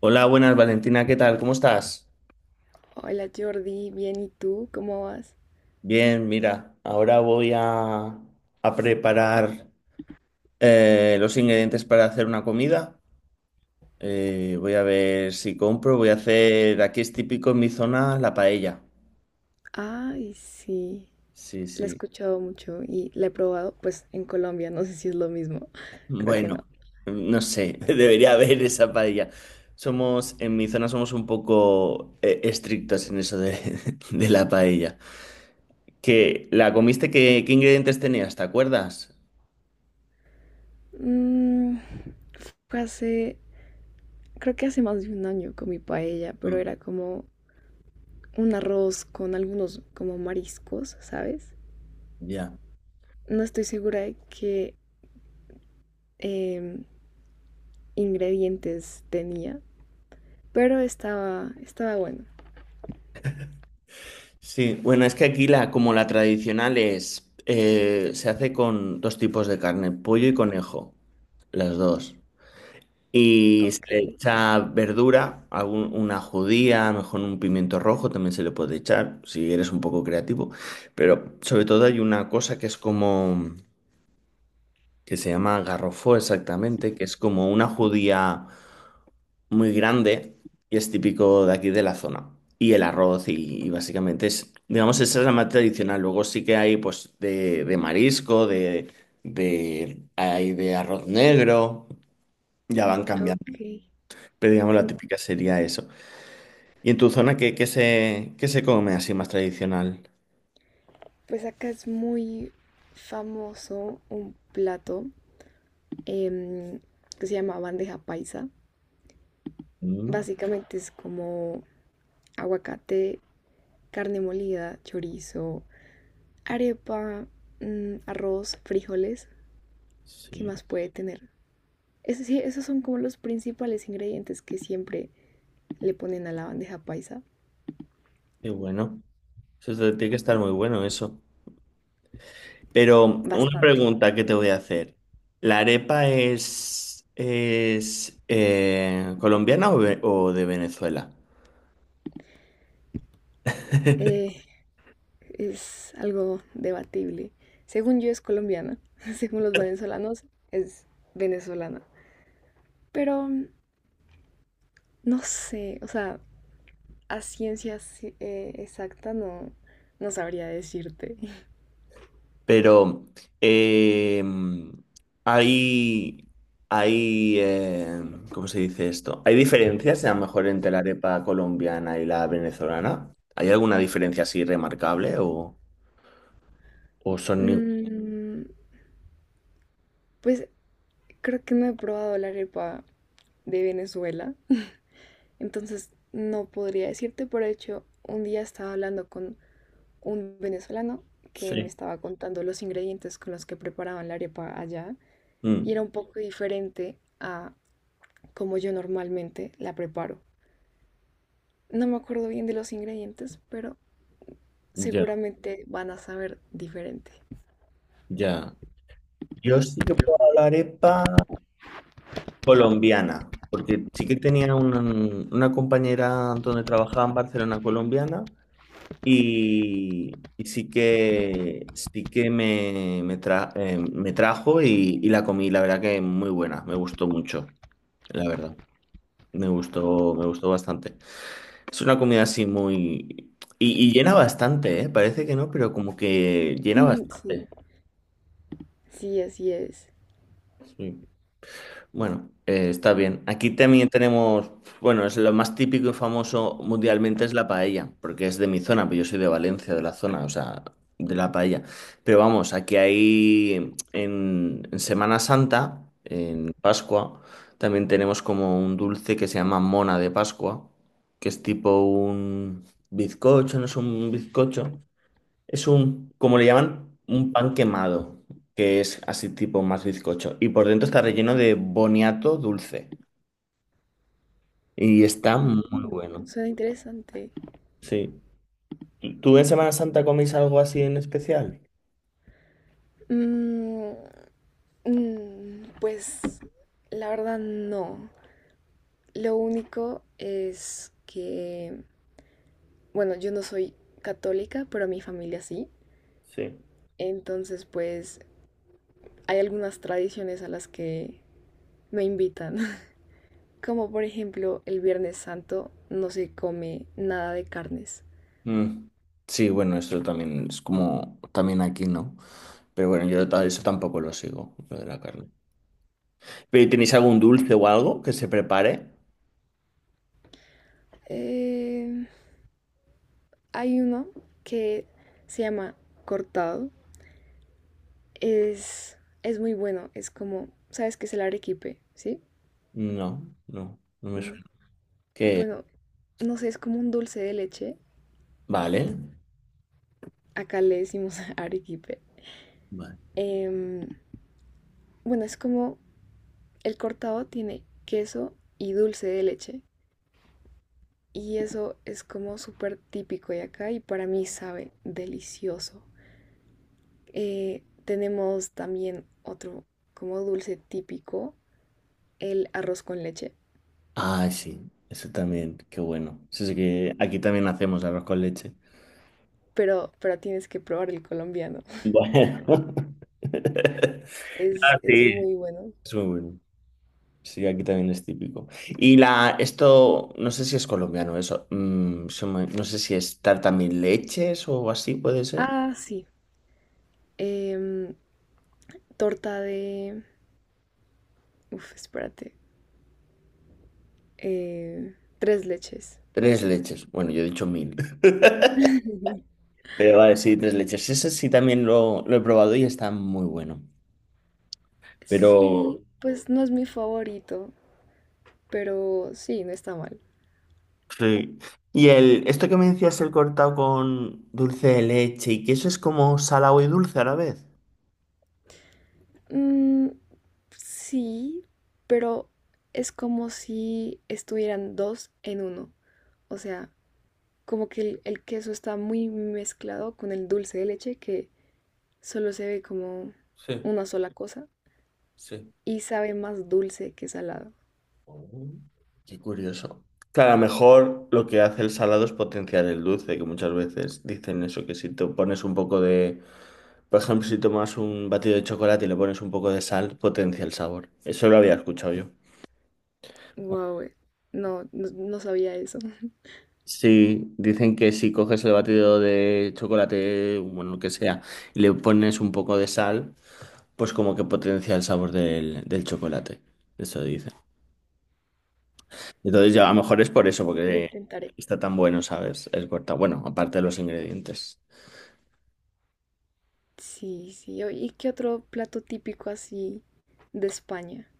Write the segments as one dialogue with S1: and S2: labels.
S1: Hola, buenas Valentina, ¿qué tal? ¿Cómo estás?
S2: Hola Jordi, bien, ¿y tú? ¿Cómo vas?
S1: Bien, mira, ahora voy a preparar los ingredientes para hacer una comida. Voy a ver si compro, voy a hacer, aquí es típico en mi zona, la paella.
S2: Ay, sí,
S1: Sí,
S2: la he
S1: sí.
S2: escuchado mucho y la he probado, pues en Colombia, no sé si es lo mismo, creo que no.
S1: Bueno, no sé, debería haber esa paella. En mi zona somos un poco estrictos en eso de, de la paella. ¿Que la comiste? ¿Qué ingredientes tenías? ¿Te acuerdas?
S2: Mm, fue hace, creo que hace más de un año comí paella, pero
S1: No.
S2: era como un arroz con algunos como mariscos, ¿sabes?
S1: Ya.
S2: No estoy segura de qué em, ingredientes tenía, pero estaba bueno.
S1: Sí, bueno, es que aquí la, como la tradicional es, se hace con dos tipos de carne, pollo y conejo, las dos. Y se
S2: Ok,
S1: le echa verdura, una judía, a lo mejor un pimiento rojo también se le puede echar, si eres un poco creativo. Pero sobre todo hay una cosa que es como, que se llama garrofó exactamente, que es como una judía muy grande y es típico de aquí de la zona. Y el arroz y básicamente es, digamos, esa es la más tradicional. Luego sí que hay pues de marisco, hay de arroz negro, ya van cambiando.
S2: ok.
S1: Pero digamos la típica sería eso. ¿Y en tu zona qué, qué se come así más tradicional?
S2: Pues acá es muy famoso un plato em, que se llama bandeja paisa.
S1: Mm,
S2: Básicamente es como aguacate, carne molida, chorizo, arepa, arroz, frijoles. ¿Qué
S1: sí,
S2: más puede tener? Es decir, esos son como los principales ingredientes que siempre le ponen a la bandeja paisa.
S1: qué bueno. Tiene que estar muy bueno eso. Pero una
S2: Bastante.
S1: pregunta que te voy a hacer. ¿La arepa es colombiana o, o de Venezuela?
S2: Eh, es algo debatible. Según yo es colombiana, según los venezolanos es venezolana. Pero no sé, o sea, a ciencia si, exacta no, no sabría decirte.
S1: Pero eh, hay, hay ¿cómo se dice esto? ¿Hay diferencias a lo mejor entre la arepa colombiana y la venezolana? ¿Hay alguna diferencia así remarcable o son iguales?
S2: Mm, pues creo que no he probado la arepa de Venezuela, entonces no podría decirte. Por hecho, un día estaba hablando con un venezolano que me
S1: Sí.
S2: estaba contando los ingredientes con los que preparaban la arepa allá y era
S1: Mm,
S2: un poco diferente a como yo normalmente la preparo. No me acuerdo bien de los ingredientes, pero
S1: ya,
S2: seguramente van a saber diferente.
S1: ya. Yo sí que puedo la arepa colombiana, porque sí que tenía una compañera donde trabajaba en Barcelona colombiana y sí que me trajo y la comí, la verdad que muy buena, me gustó mucho, la verdad, me gustó bastante. Es una comida así muy... Y, y llena bastante, ¿eh? Parece que no, pero como que llena
S2: Sí,
S1: bastante.
S2: sí, así es.
S1: Sí. Bueno, está bien. Aquí también tenemos, bueno, es lo más típico y famoso mundialmente es la paella, porque es de mi zona, pero yo soy de Valencia, de la zona, o sea, de la paella. Pero vamos, aquí hay en Semana Santa, en Pascua, también tenemos como un dulce que se llama mona de Pascua, que es tipo un bizcocho, no es un bizcocho, es un, como le llaman, un pan quemado, que es así tipo más bizcocho. Y por dentro está relleno de boniato dulce. Y está muy
S2: Mm,
S1: bueno.
S2: suena interesante.
S1: Sí. ¿Tú tú en Semana Santa comís algo así en especial?
S2: Mm, mm, pues la verdad no. Lo único es que, bueno, yo no soy católica, pero mi familia sí.
S1: Sí.
S2: Entonces, pues hay algunas tradiciones a las que me invitan. Como por ejemplo el Viernes Santo no se come nada de carnes.
S1: Mm. Sí, bueno, esto también es como también aquí, ¿no? Pero bueno, eso tampoco lo sigo, lo de la carne. ¿Pero y tenéis algún dulce o algo que se prepare?
S2: Eh, hay uno que se llama cortado. Es, es muy bueno. Es como, ¿sabes qué es el arequipe? ¿Sí?
S1: No, no, no me
S2: No.
S1: suena. ¿Qué?
S2: Bueno, no sé, es como un dulce de leche.
S1: Vale.
S2: Acá le decimos arequipe.
S1: Vale.
S2: Em, bueno, es como el cortado tiene queso y dulce de leche. Y eso es como súper típico de acá y para mí sabe delicioso. Tenemos también otro como dulce típico, el arroz con leche,
S1: Ah, sí, eso también, qué bueno. Eso sí que aquí también hacemos arroz con leche.
S2: pero tienes que probar el colombiano.
S1: Bueno.
S2: Es
S1: Sí.
S2: muy bueno.
S1: Es muy bueno. Sí, aquí también es típico. Y la, esto, no sé si es colombiano, eso. No sé si es tarta mil leches o así, puede ser.
S2: Ah, sí. em, torta de... Uf, espérate. Tres leches.
S1: Tres leches. Bueno, yo he dicho mil. Pero vale, sí, tres leches. Ese sí también lo he probado y está muy bueno. Pero
S2: Sí, pues no es mi favorito, pero sí, no está mal.
S1: sí. Y el, esto que me decías, el cortado con dulce de leche y que eso es como salado y dulce a la vez.
S2: Mm, sí, pero es como si estuvieran dos en uno. O sea, como que el queso está muy mezclado con el dulce de leche que solo se ve como
S1: Sí,
S2: una sola cosa
S1: sí.
S2: y sabe más dulce que salado.
S1: Oh, qué curioso. Claro, a lo mejor lo que hace el salado es potenciar el dulce, que muchas veces dicen eso, que si te pones un poco de, por ejemplo, si tomas un batido de chocolate y le pones un poco de sal, potencia el sabor. Eso lo había escuchado yo.
S2: Wow, no, no, no sabía eso.
S1: Sí, dicen que si coges el batido de chocolate, bueno, lo que sea, y le pones un poco de sal, pues como que potencia el sabor del chocolate. Eso dice. Entonces ya a lo mejor es por eso,
S2: Lo
S1: porque
S2: intentaré.
S1: está tan bueno, ¿sabes? El corta. Bueno, aparte de los ingredientes.
S2: Sí, sí. o- ¿Y qué otro plato típico así de España?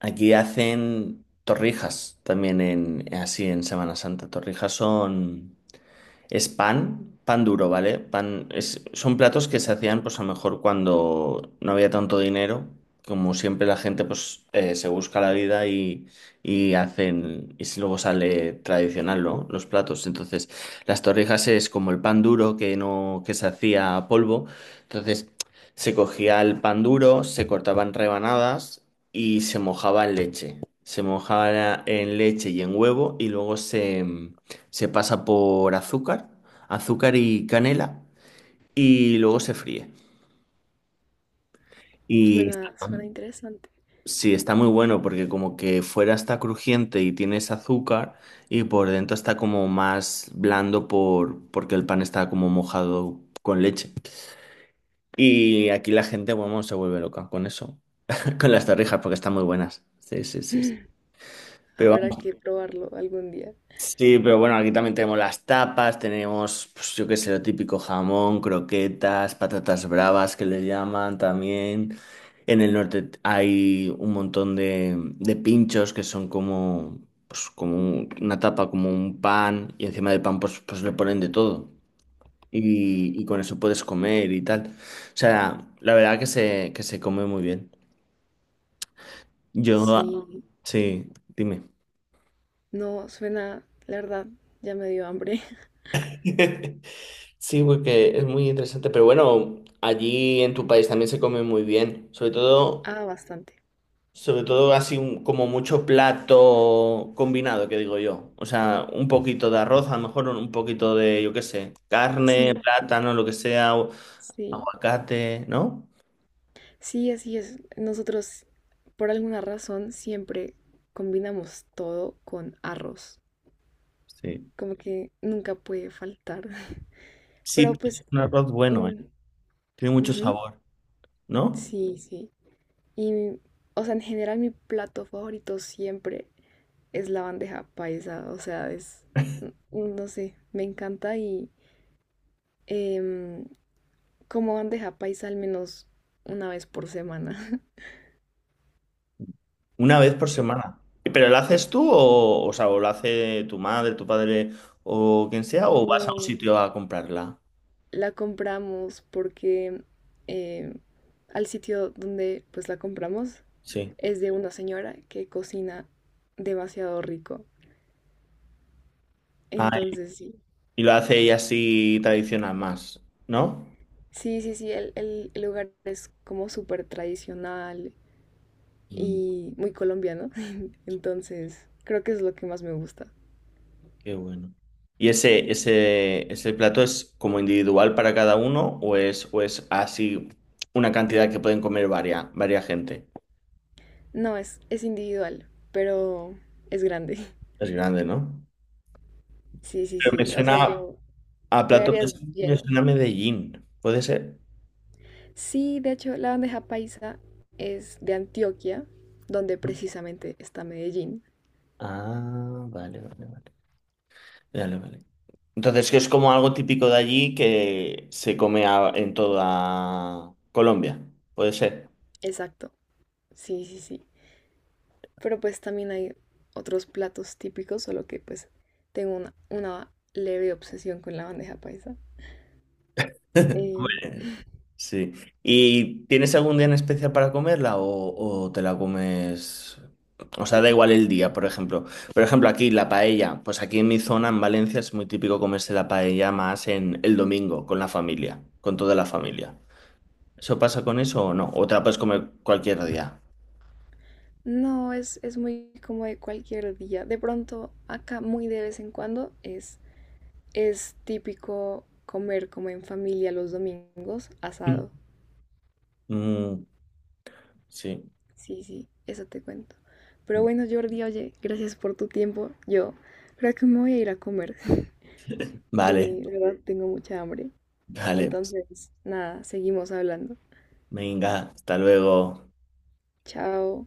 S1: Aquí hacen torrijas también en así en Semana Santa. Torrijas son. Es pan, pan duro, ¿vale? Pan, es, son platos que se hacían, pues a lo mejor cuando no había tanto dinero. Como siempre la gente, pues se busca la vida y hacen, y si luego sale tradicional, ¿no? Los platos. Entonces, las torrijas es como el pan duro que no, que se hacía a polvo. Entonces, se cogía el pan duro, se cortaban rebanadas y se mojaba en leche. Se mojaba en leche y en huevo y luego se pasa por azúcar, azúcar y canela y luego se fríe. Y
S2: Suena,
S1: está-
S2: suena interesante.
S1: sí, está muy bueno porque como que fuera está crujiente y tienes azúcar y por dentro está como más blando por, porque el pan está como mojado con leche. Y aquí la gente, bueno, se vuelve loca con eso, con las torrijas porque están muy buenas. Sí, sí, sí. Sí. Pero
S2: Habrá
S1: vamos.
S2: que probarlo algún día.
S1: Sí, pero bueno, aquí también tenemos las tapas, tenemos, pues, yo qué sé, lo típico jamón, croquetas, patatas bravas que les llaman también. En el norte hay un montón de pinchos que son como, pues, una tapa, como un pan, y encima del pan pues, pues le ponen de todo. Y con eso puedes comer y tal. O sea, la verdad que se come muy bien. Yo,
S2: Sí,
S1: sí, dime.
S2: no, suena, la verdad, ya me dio hambre.
S1: Sí, porque es muy interesante, pero bueno, allí en tu país también se come muy bien,
S2: Ah, bastante.
S1: sobre todo como mucho plato combinado, que digo yo, o sea, un poquito de arroz, a lo mejor un poquito de, yo qué sé, carne,
S2: Sí,
S1: plátano, lo que sea, o
S2: sí.
S1: aguacate, ¿no?
S2: Sí, así es. Nosotros, por alguna razón, siempre combinamos todo con arroz.
S1: Sí.
S2: Como que nunca puede faltar.
S1: Sí,
S2: Pero
S1: es
S2: pues,
S1: un arroz bueno, ¿eh?
S2: mm,
S1: Tiene mucho
S2: ujú,
S1: sabor, ¿no?
S2: sí, sí. Y, o sea, en general mi plato favorito siempre es la bandeja paisa. O sea, es, n- no sé, me encanta y em, como bandeja paisa al menos una vez por semana.
S1: Una vez por semana. ¿Pero lo haces tú
S2: Y-
S1: o sea, o lo hace tu madre, tu padre o quien sea, o vas a un
S2: no,
S1: sitio a comprarla?
S2: la compramos porque eh, al sitio donde pues la compramos
S1: Sí.
S2: es de una señora que cocina demasiado rico.
S1: Ah,
S2: Entonces sí,
S1: y lo hace ella así tradicional más, ¿no?
S2: sí, sí, sí, el lugar es como súper tradicional
S1: Mm,
S2: y muy colombiano. Entonces creo que es lo que más me gusta.
S1: qué bueno. ¿Y ese plato es como individual para cada uno o es así una cantidad que pueden comer varia, varia gente?
S2: No, es individual, pero es grande.
S1: Es grande, ¿no?
S2: Sí, sí,
S1: Pero me
S2: sí. O sea,
S1: suena
S2: yo
S1: a plato,
S2: quedaría
S1: me
S2: lleno.
S1: suena a Medellín, ¿puede ser?
S2: Sí, de hecho, la bandeja paisa es de Antioquia, donde precisamente está Medellín.
S1: Ah, vale, vale, vale. Vale, vale. Entonces, que es como algo típico de allí que se come en toda Colombia, ¿puede ser?
S2: Exacto, sí, sí, sí. Pero pues también hay otros platos típicos, solo que pues tengo una leve obsesión con la bandeja paisa. Eh,
S1: Sí. ¿Y tienes algún día en especial para comerla o te la comes? O sea, da igual el día, por ejemplo. Por ejemplo, aquí la paella. Pues aquí en mi zona, en Valencia, es muy típico comerse la paella más en el domingo, con la familia, con toda la familia. ¿Eso pasa con eso o no? ¿O te la puedes comer cualquier día?
S2: no, es muy como de cualquier día. De pronto, acá muy de vez en cuando es típico comer como en familia los domingos asado.
S1: Mm, sí.
S2: Sí, sí, eso te cuento. Pero bueno, Jordi, oye, gracias por tu tiempo. Yo creo que me voy a ir a comer.
S1: Vale,
S2: La verdad, tengo mucha hambre.
S1: vale.
S2: Entonces, nada, seguimos hablando.
S1: Venga, hasta luego.
S2: Chao.